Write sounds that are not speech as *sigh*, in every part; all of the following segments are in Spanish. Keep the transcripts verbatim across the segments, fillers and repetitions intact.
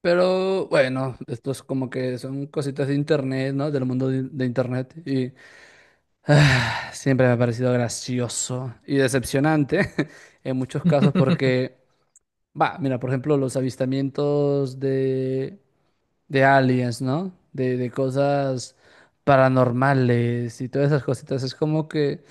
Pero bueno, esto es como que son cositas de internet, ¿no? Del mundo de, de internet. Y ah, siempre me ha parecido gracioso y decepcionante *laughs* en muchos casos *laughs* porque, va, mira, por ejemplo, los avistamientos de, de aliens, ¿no? De, de cosas paranormales y todas esas cositas. Es como que,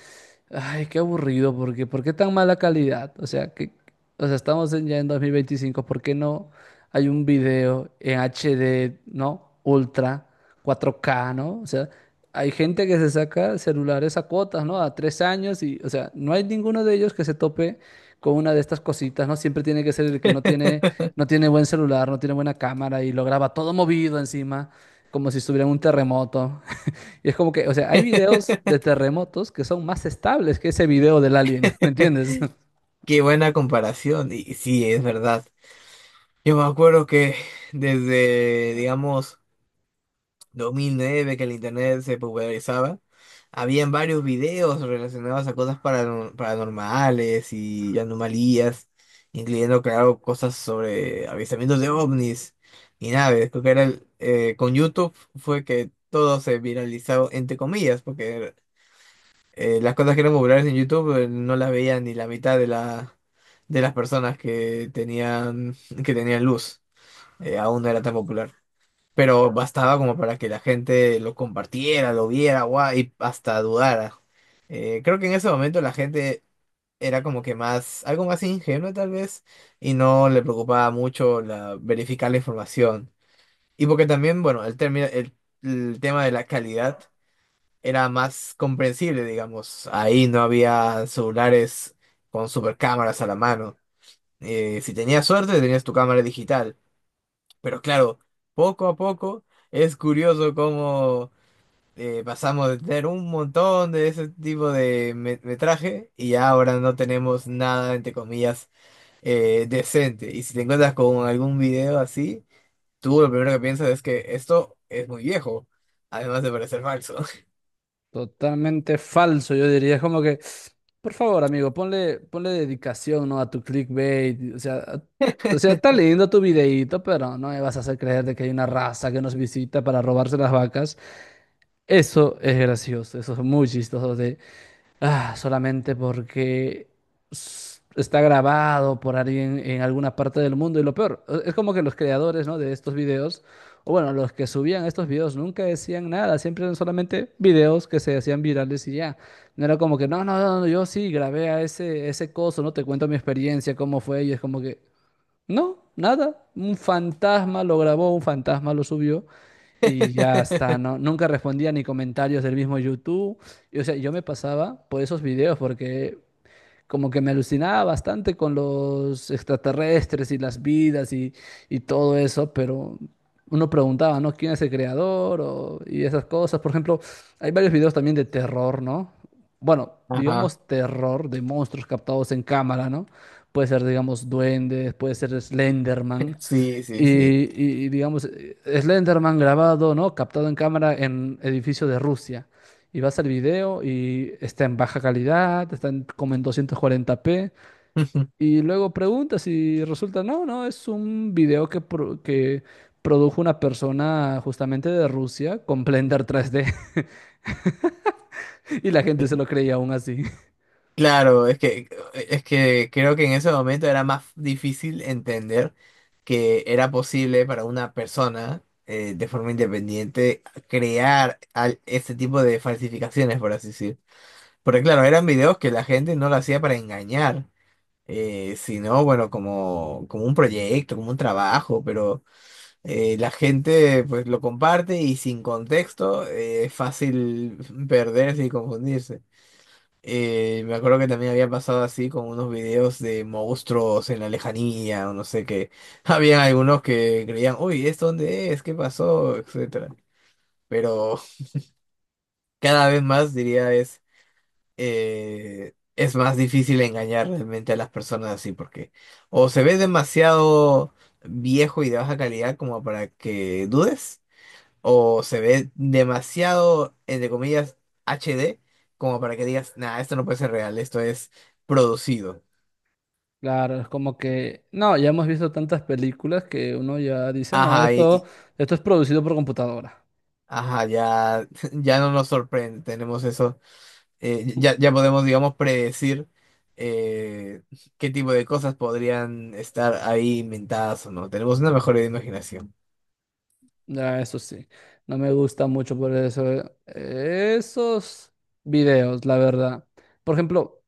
ay, qué aburrido, porque ¿por qué tan mala calidad? O sea, que, o sea, estamos en- ya en dos mil veinticinco, ¿por qué no hay un video en H D? ¿No? Ultra, cuatro K, ¿no? O sea, hay gente que se saca celulares a cuotas, ¿no? A tres años y, o sea, no hay ninguno de ellos que se tope con una de estas cositas, ¿no? Siempre tiene que ser el que no tiene, no tiene buen celular, no tiene buena cámara y lo graba todo movido encima, como si estuviera en un terremoto. Y es como que, o sea, hay videos de terremotos que son más estables que ese video del alien, *laughs* ¿me entiendes? Qué buena comparación, y sí, es verdad. Yo me acuerdo que desde, digamos, dos mil nueve que el internet se popularizaba, habían varios videos relacionados a cosas paranor- paranormales y anomalías, incluyendo, claro, cosas sobre avistamientos de ovnis y naves. Creo que era el- eh, con YouTube fue que todo se viralizó, entre comillas, porque eh, las cosas que eran populares en YouTube eh, no las veían ni la mitad de la, de las personas que tenían, que tenían luz. Eh, aún no era tan popular. Pero bastaba como para que la gente lo compartiera, lo viera, guau, y hasta dudara. Eh, creo que en ese momento la gente era como que más, algo más ingenua tal vez, y no le preocupaba mucho la, verificar la información. Y porque también, bueno, el, término- el, el tema de la calidad era más comprensible, digamos. Ahí no había celulares con supercámaras a la mano. Eh, si tenías suerte, tenías tu cámara digital. Pero claro, poco a poco es curioso cómo eh, pasamos de tener un montón de ese tipo de me- metraje y ya ahora no tenemos nada, entre comillas, eh, decente. Y si te encuentras con algún video así, tú lo primero que piensas es que esto es muy viejo, además de parecer falso. Totalmente falso, yo diría. Es como que, por favor, amigo, ponle, ponle dedicación, ¿no? A tu clickbait. O sea, a- o sea, está lindo tu videíto, pero no me vas a hacer creer de que hay una raza que nos visita para robarse las vacas. Eso es gracioso, eso es muy chistoso. O Ah, solamente porque s- está grabado por alguien en alguna parte del mundo. Y lo peor, e- es como que los creadores, ¿no? De estos videos, o bueno, los que subían estos videos nunca decían nada, siempre eran solamente videos que se hacían virales y ya. No era como que, no, no, no, no, yo sí grabé a ese, ese coso, ¿no? Te cuento mi experiencia, cómo fue, y es como que. No, nada. Un fantasma lo grabó, un fantasma lo subió y ya está. No, *laughs* nunca respondía ni comentarios del mismo YouTube. Y, o sea, yo me pasaba por esos videos porque como que me alucinaba bastante con los extraterrestres y las vidas y, y todo eso, pero uno preguntaba, ¿no? ¿Quién es el creador? O- y esas cosas. Por ejemplo, hay varios videos también de terror, ¿no? Bueno, Ajá. digamos, terror de monstruos captados en cámara, ¿no? Puede ser, digamos, duendes, puede ser Slenderman. Sí, sí, Y, sí. y- y, digamos, eh, Slenderman grabado, ¿no? Captado en cámara en edificio de Rusia. Y vas al video y está en baja calidad, está en- como en doscientos cuarenta p. *laughs* Y luego preguntas y resulta, no, no, es un video que, pro- que produjo una persona justamente de Rusia con Blender tres D. *laughs* Y la gente se lo creía aún así. *laughs* Claro, es que, es que creo que en ese momento era más difícil entender que era posible para una persona eh, de forma independiente crear al- este tipo de falsificaciones, por así decir. Porque claro, eran videos que la gente no lo hacía para engañar, eh, sino bueno, como, como un proyecto, como un trabajo, pero eh, la gente pues lo comparte y sin contexto eh, es fácil perderse y confundirse. Eh, me acuerdo que también había pasado así con unos videos de monstruos en la lejanía, o no sé qué. *laughs* Había algunos que creían, uy, ¿esto dónde es? ¿Qué pasó? Etcétera. Pero *laughs* cada vez más diría es, eh, es más difícil engañar realmente a las personas así, porque o se ve demasiado viejo y de baja calidad como para que dudes, o se ve demasiado, entre comillas, H D como para que digas, nah, esto no puede ser real, esto es producido. Claro, es como que, no, ya hemos visto tantas películas que uno ya dice, no, Ajá, y, esto, y- esto es producido por computadora. ajá, ya. *laughs* Ya no nos sorprende, tenemos eso, eh, ya, ya podemos, digamos, predecir eh, qué tipo de cosas podrían estar ahí inventadas o no. Tenemos una *laughs* mejor imaginación. Ya, eso sí, no me gusta mucho por eso, eh, esos videos, la verdad. Por ejemplo,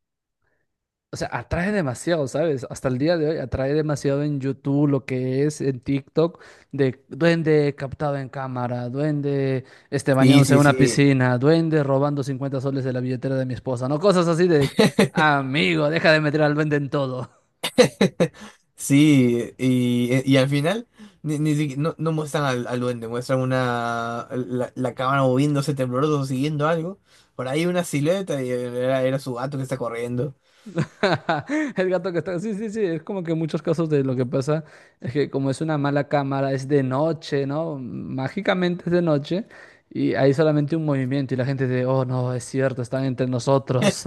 o sea, atrae demasiado, ¿sabes? Hasta el día de hoy atrae demasiado en YouTube lo que es en TikTok de duende captado en cámara, duende este Sí, bañándose en sí, una sí. piscina, duende robando cincuenta soles de la billetera de mi esposa, ¿no? Cosas así de, *laughs* amigo, deja de meter al duende en todo. *laughs* Sí, y, y al final ni, ni siqui- no, no muestran al, al duende, muestran una la, la cámara moviéndose tembloroso, siguiendo algo. Por ahí una silueta y era, era su gato que está corriendo. *laughs* El gato que está... Sí, sí, sí, es como que muchos casos de lo que pasa es que como es una mala cámara, es de noche, ¿no? Mágicamente es de noche. Y hay solamente un movimiento y la gente de, oh no, es cierto, están entre nosotros.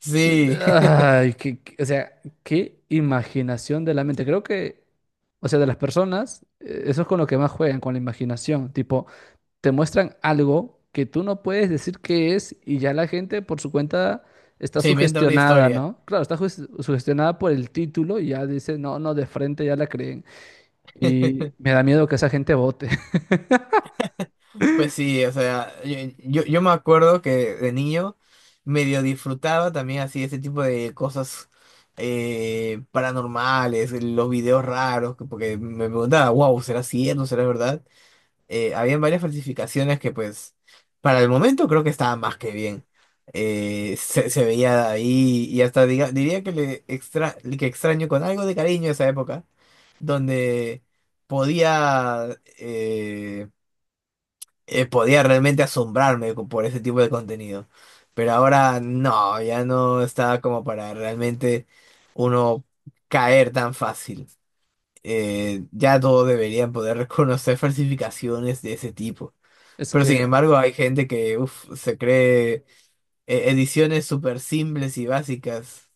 Sí. *laughs* Ay, que, qué- o sea, qué imaginación de la mente. Creo que, o sea, de las personas, eh, eso es con lo que más juegan, con la imaginación. Tipo, te muestran algo que tú no puedes decir qué es y ya la gente por su cuenta está Se inventa una sugestionada, historia. ¿no? Claro, está sus- sugestionada por el título y ya dice, no, no, de frente ya la creen. *laughs* Y me da miedo que esa gente vote. *laughs* Pues sí, o sea, yo, yo, yo me acuerdo que de niño medio disfrutaba también así ese tipo de cosas eh, paranormales, los videos raros, porque me preguntaba, wow, ¿será cierto? ¿Será verdad? Eh, habían varias falsificaciones que pues para el momento creo que estaban más que bien. Eh, se, se veía ahí y hasta diga- diría que le extra, que extraño con algo de cariño esa época, donde podía, eh, eh, podía realmente asombrarme co- por ese tipo de contenido. Pero ahora no, ya no está como para realmente uno caer tan fácil. Eh, ya todos deberían poder *laughs* reconocer falsificaciones de ese tipo. Es Pero sin que embargo hay gente que uf, se cree eh, ediciones súper simples y básicas.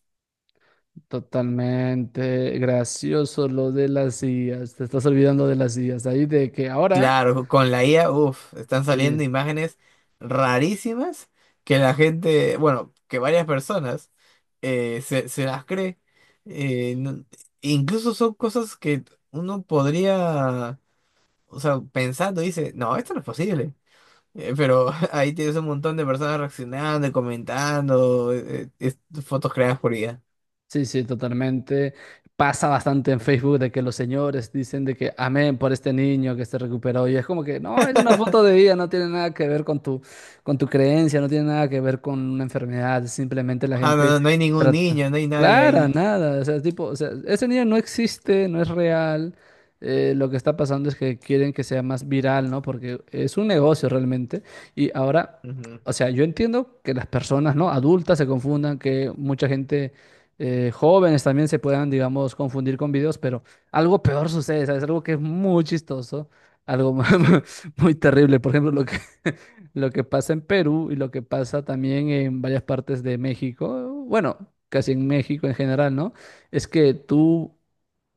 totalmente gracioso lo de las sillas. Te estás olvidando de las sillas. Ahí de que ahora... Claro, con la I A, uf, están sí, saliendo imágenes rarísimas que la gente, bueno, que varias personas eh, se, se las cree. Eh, no- Incluso son cosas que uno podría, o sea, pensando, dice, no, esto no es posible. Eh, pero *laughs* ahí tienes un montón de personas reaccionando, y comentando, eh, eh, es- fotos creadas por I A. sí, sí, totalmente. Pasa bastante en Facebook de que los señores dicen de que amén por este niño que se recuperó. Y es como que no, es una foto de vida, no tiene nada que ver con tu, con tu creencia, no tiene nada que ver con una enfermedad. Simplemente la Ah, no, gente no, no hay ningún trata. niño, no hay nadie Clara, ahí. nada. O sea, tipo, o sea, ese niño no existe, no es real. Eh, lo que está pasando es que quieren que sea más viral, ¿no? Porque es un negocio realmente. Y ahora, Ujú. o sea, yo entiendo que las personas, ¿no? Adultas se confundan, que mucha gente eh, jóvenes también se puedan, digamos, confundir con videos, pero algo peor sucede, ¿sabes? Algo que es muy chistoso, algo *laughs* mu- ¿Así? muy terrible. Por ejemplo, lo que, *laughs* lo que pasa en Perú y lo que pasa también en varias partes de México, bueno, casi en México en general, ¿no? Es que tú,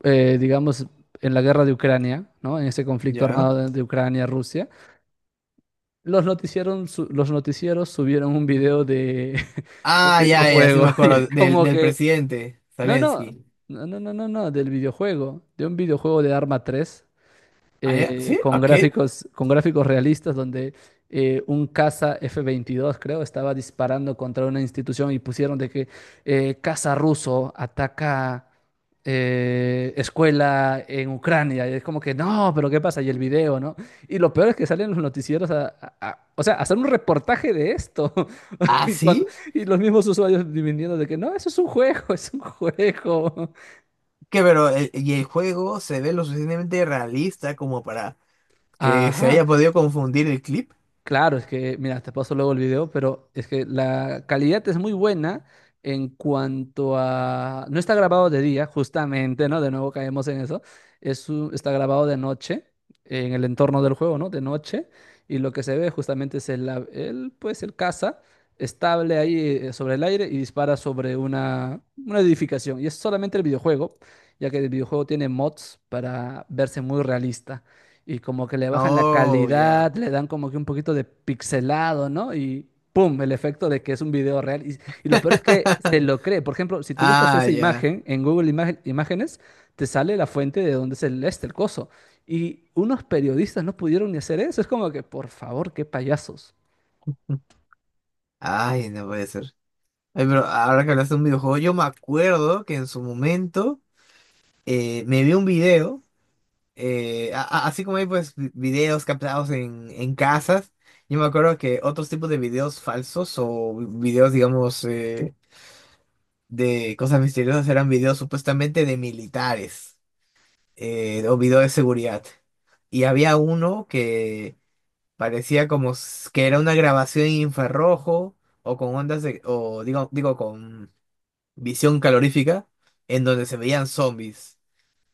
eh, digamos, en la guerra de Ucrania, ¿no? En ese conflicto Ya. armado de, de Ucrania-Rusia. Los noticieron, su- los noticieros subieron un video de, *laughs* de un Ah, ya, ya, sí videojuego me *laughs* y es acuerdo. Del, como Del que presidente, no, no, Zelensky. no, no, no, no, no, del videojuego, de un videojuego de Arma tres ¿Ah, ya? eh, ¿Sí? con ¿A qué? gráficos, con gráficos realistas donde eh, un caza f veintidós creo, estaba disparando contra una institución y pusieron de que eh, caza ruso ataca eh, escuela en Ucrania. Y es como que, no, pero ¿qué pasa? Y el video, ¿no? Y lo peor es que salen los noticieros a, a- a- o sea, a hacer un reportaje de esto. ¿Ah, Y, cuando- sí? y los mismos usuarios dividiendo de que no, eso es un juego, *laughs* es un juego. ¿Qué, pero el- y el juego se ve lo suficientemente realista como para que se Ajá. haya podido confundir el clip? Claro, es que, mira, te paso luego el video, pero es que la calidad es muy buena en cuanto a... No está grabado de día, justamente, ¿no? De nuevo caemos en eso. Es un- Está grabado de noche, en el entorno del juego, ¿no? De noche. Y lo que se ve justamente es el, av- el, pues, el caza estable ahí eh, sobre el aire y dispara sobre una, una edificación. Y es solamente el videojuego, ya que el videojuego tiene mods para verse muy realista y como que le bajan la Oh, ya. calidad, le dan como que un poquito de pixelado, ¿no? Y ¡pum! El efecto de que es un video real. Y, y lo peor es que se *laughs* lo cree. Por ejemplo, si tú buscas Ah, esa ya. imagen en Google Imagen- Imágenes, te sale la fuente de donde es el, este, el coso. Y unos periodistas no pudieron ni hacer eso. Es como que, por favor, qué payasos. Ay, no puede ser. Ay, pero ahora que hablaste de un videojuego, yo me acuerdo que en su momento eh, me vi un video. Eh, a- a- así como hay pues vi- videos captados en, en casas, yo me acuerdo que otros tipos de videos falsos o videos, digamos, eh, de cosas misteriosas eran videos supuestamente de militares eh, o videos de seguridad. Y había uno que parecía como s- que era una grabación en infrarrojo o con ondas de, o digo, digo, con visión calorífica, en donde se veían zombies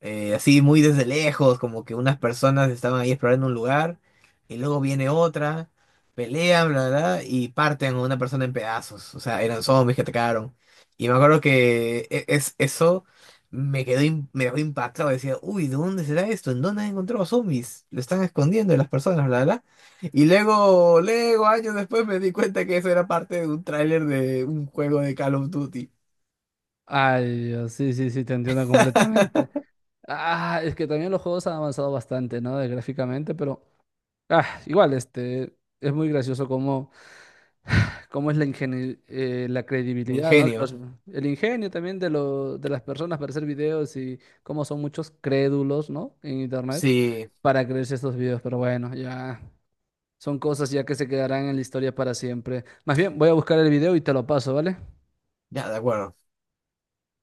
eh, así muy desde lejos, como que unas personas estaban ahí explorando un lugar y luego viene otra, pelean, bla, bla, bla, y parten a una persona en pedazos. O sea, eran zombies que atacaron. Y me acuerdo que e- es, eso me quedó, im- me dejó impactado. Decía, uy, ¿de dónde será esto? ¿En dónde han encontrado zombies? Lo están escondiendo de las personas, bla, bla, bla. Y luego, luego, años después me di cuenta que eso era parte de un tráiler de un juego de Call of Duty. Ay, Dios, sí, sí, sí, te entiendo completamente. Ah, es que también los juegos han avanzado bastante, ¿no? De gráficamente, pero ah, igual, este, es muy gracioso como cómo es la ingeni- eh, la Mi credibilidad, ¿no? De Ingenio. los- el ingenio también de, lo- de las personas para hacer videos y cómo son muchos crédulos, ¿no? En internet Sí, para creerse estos videos, pero bueno, ya son cosas ya que se quedarán en la historia para siempre. Más bien, voy a buscar el video y te lo paso, ¿vale? ya, de acuerdo.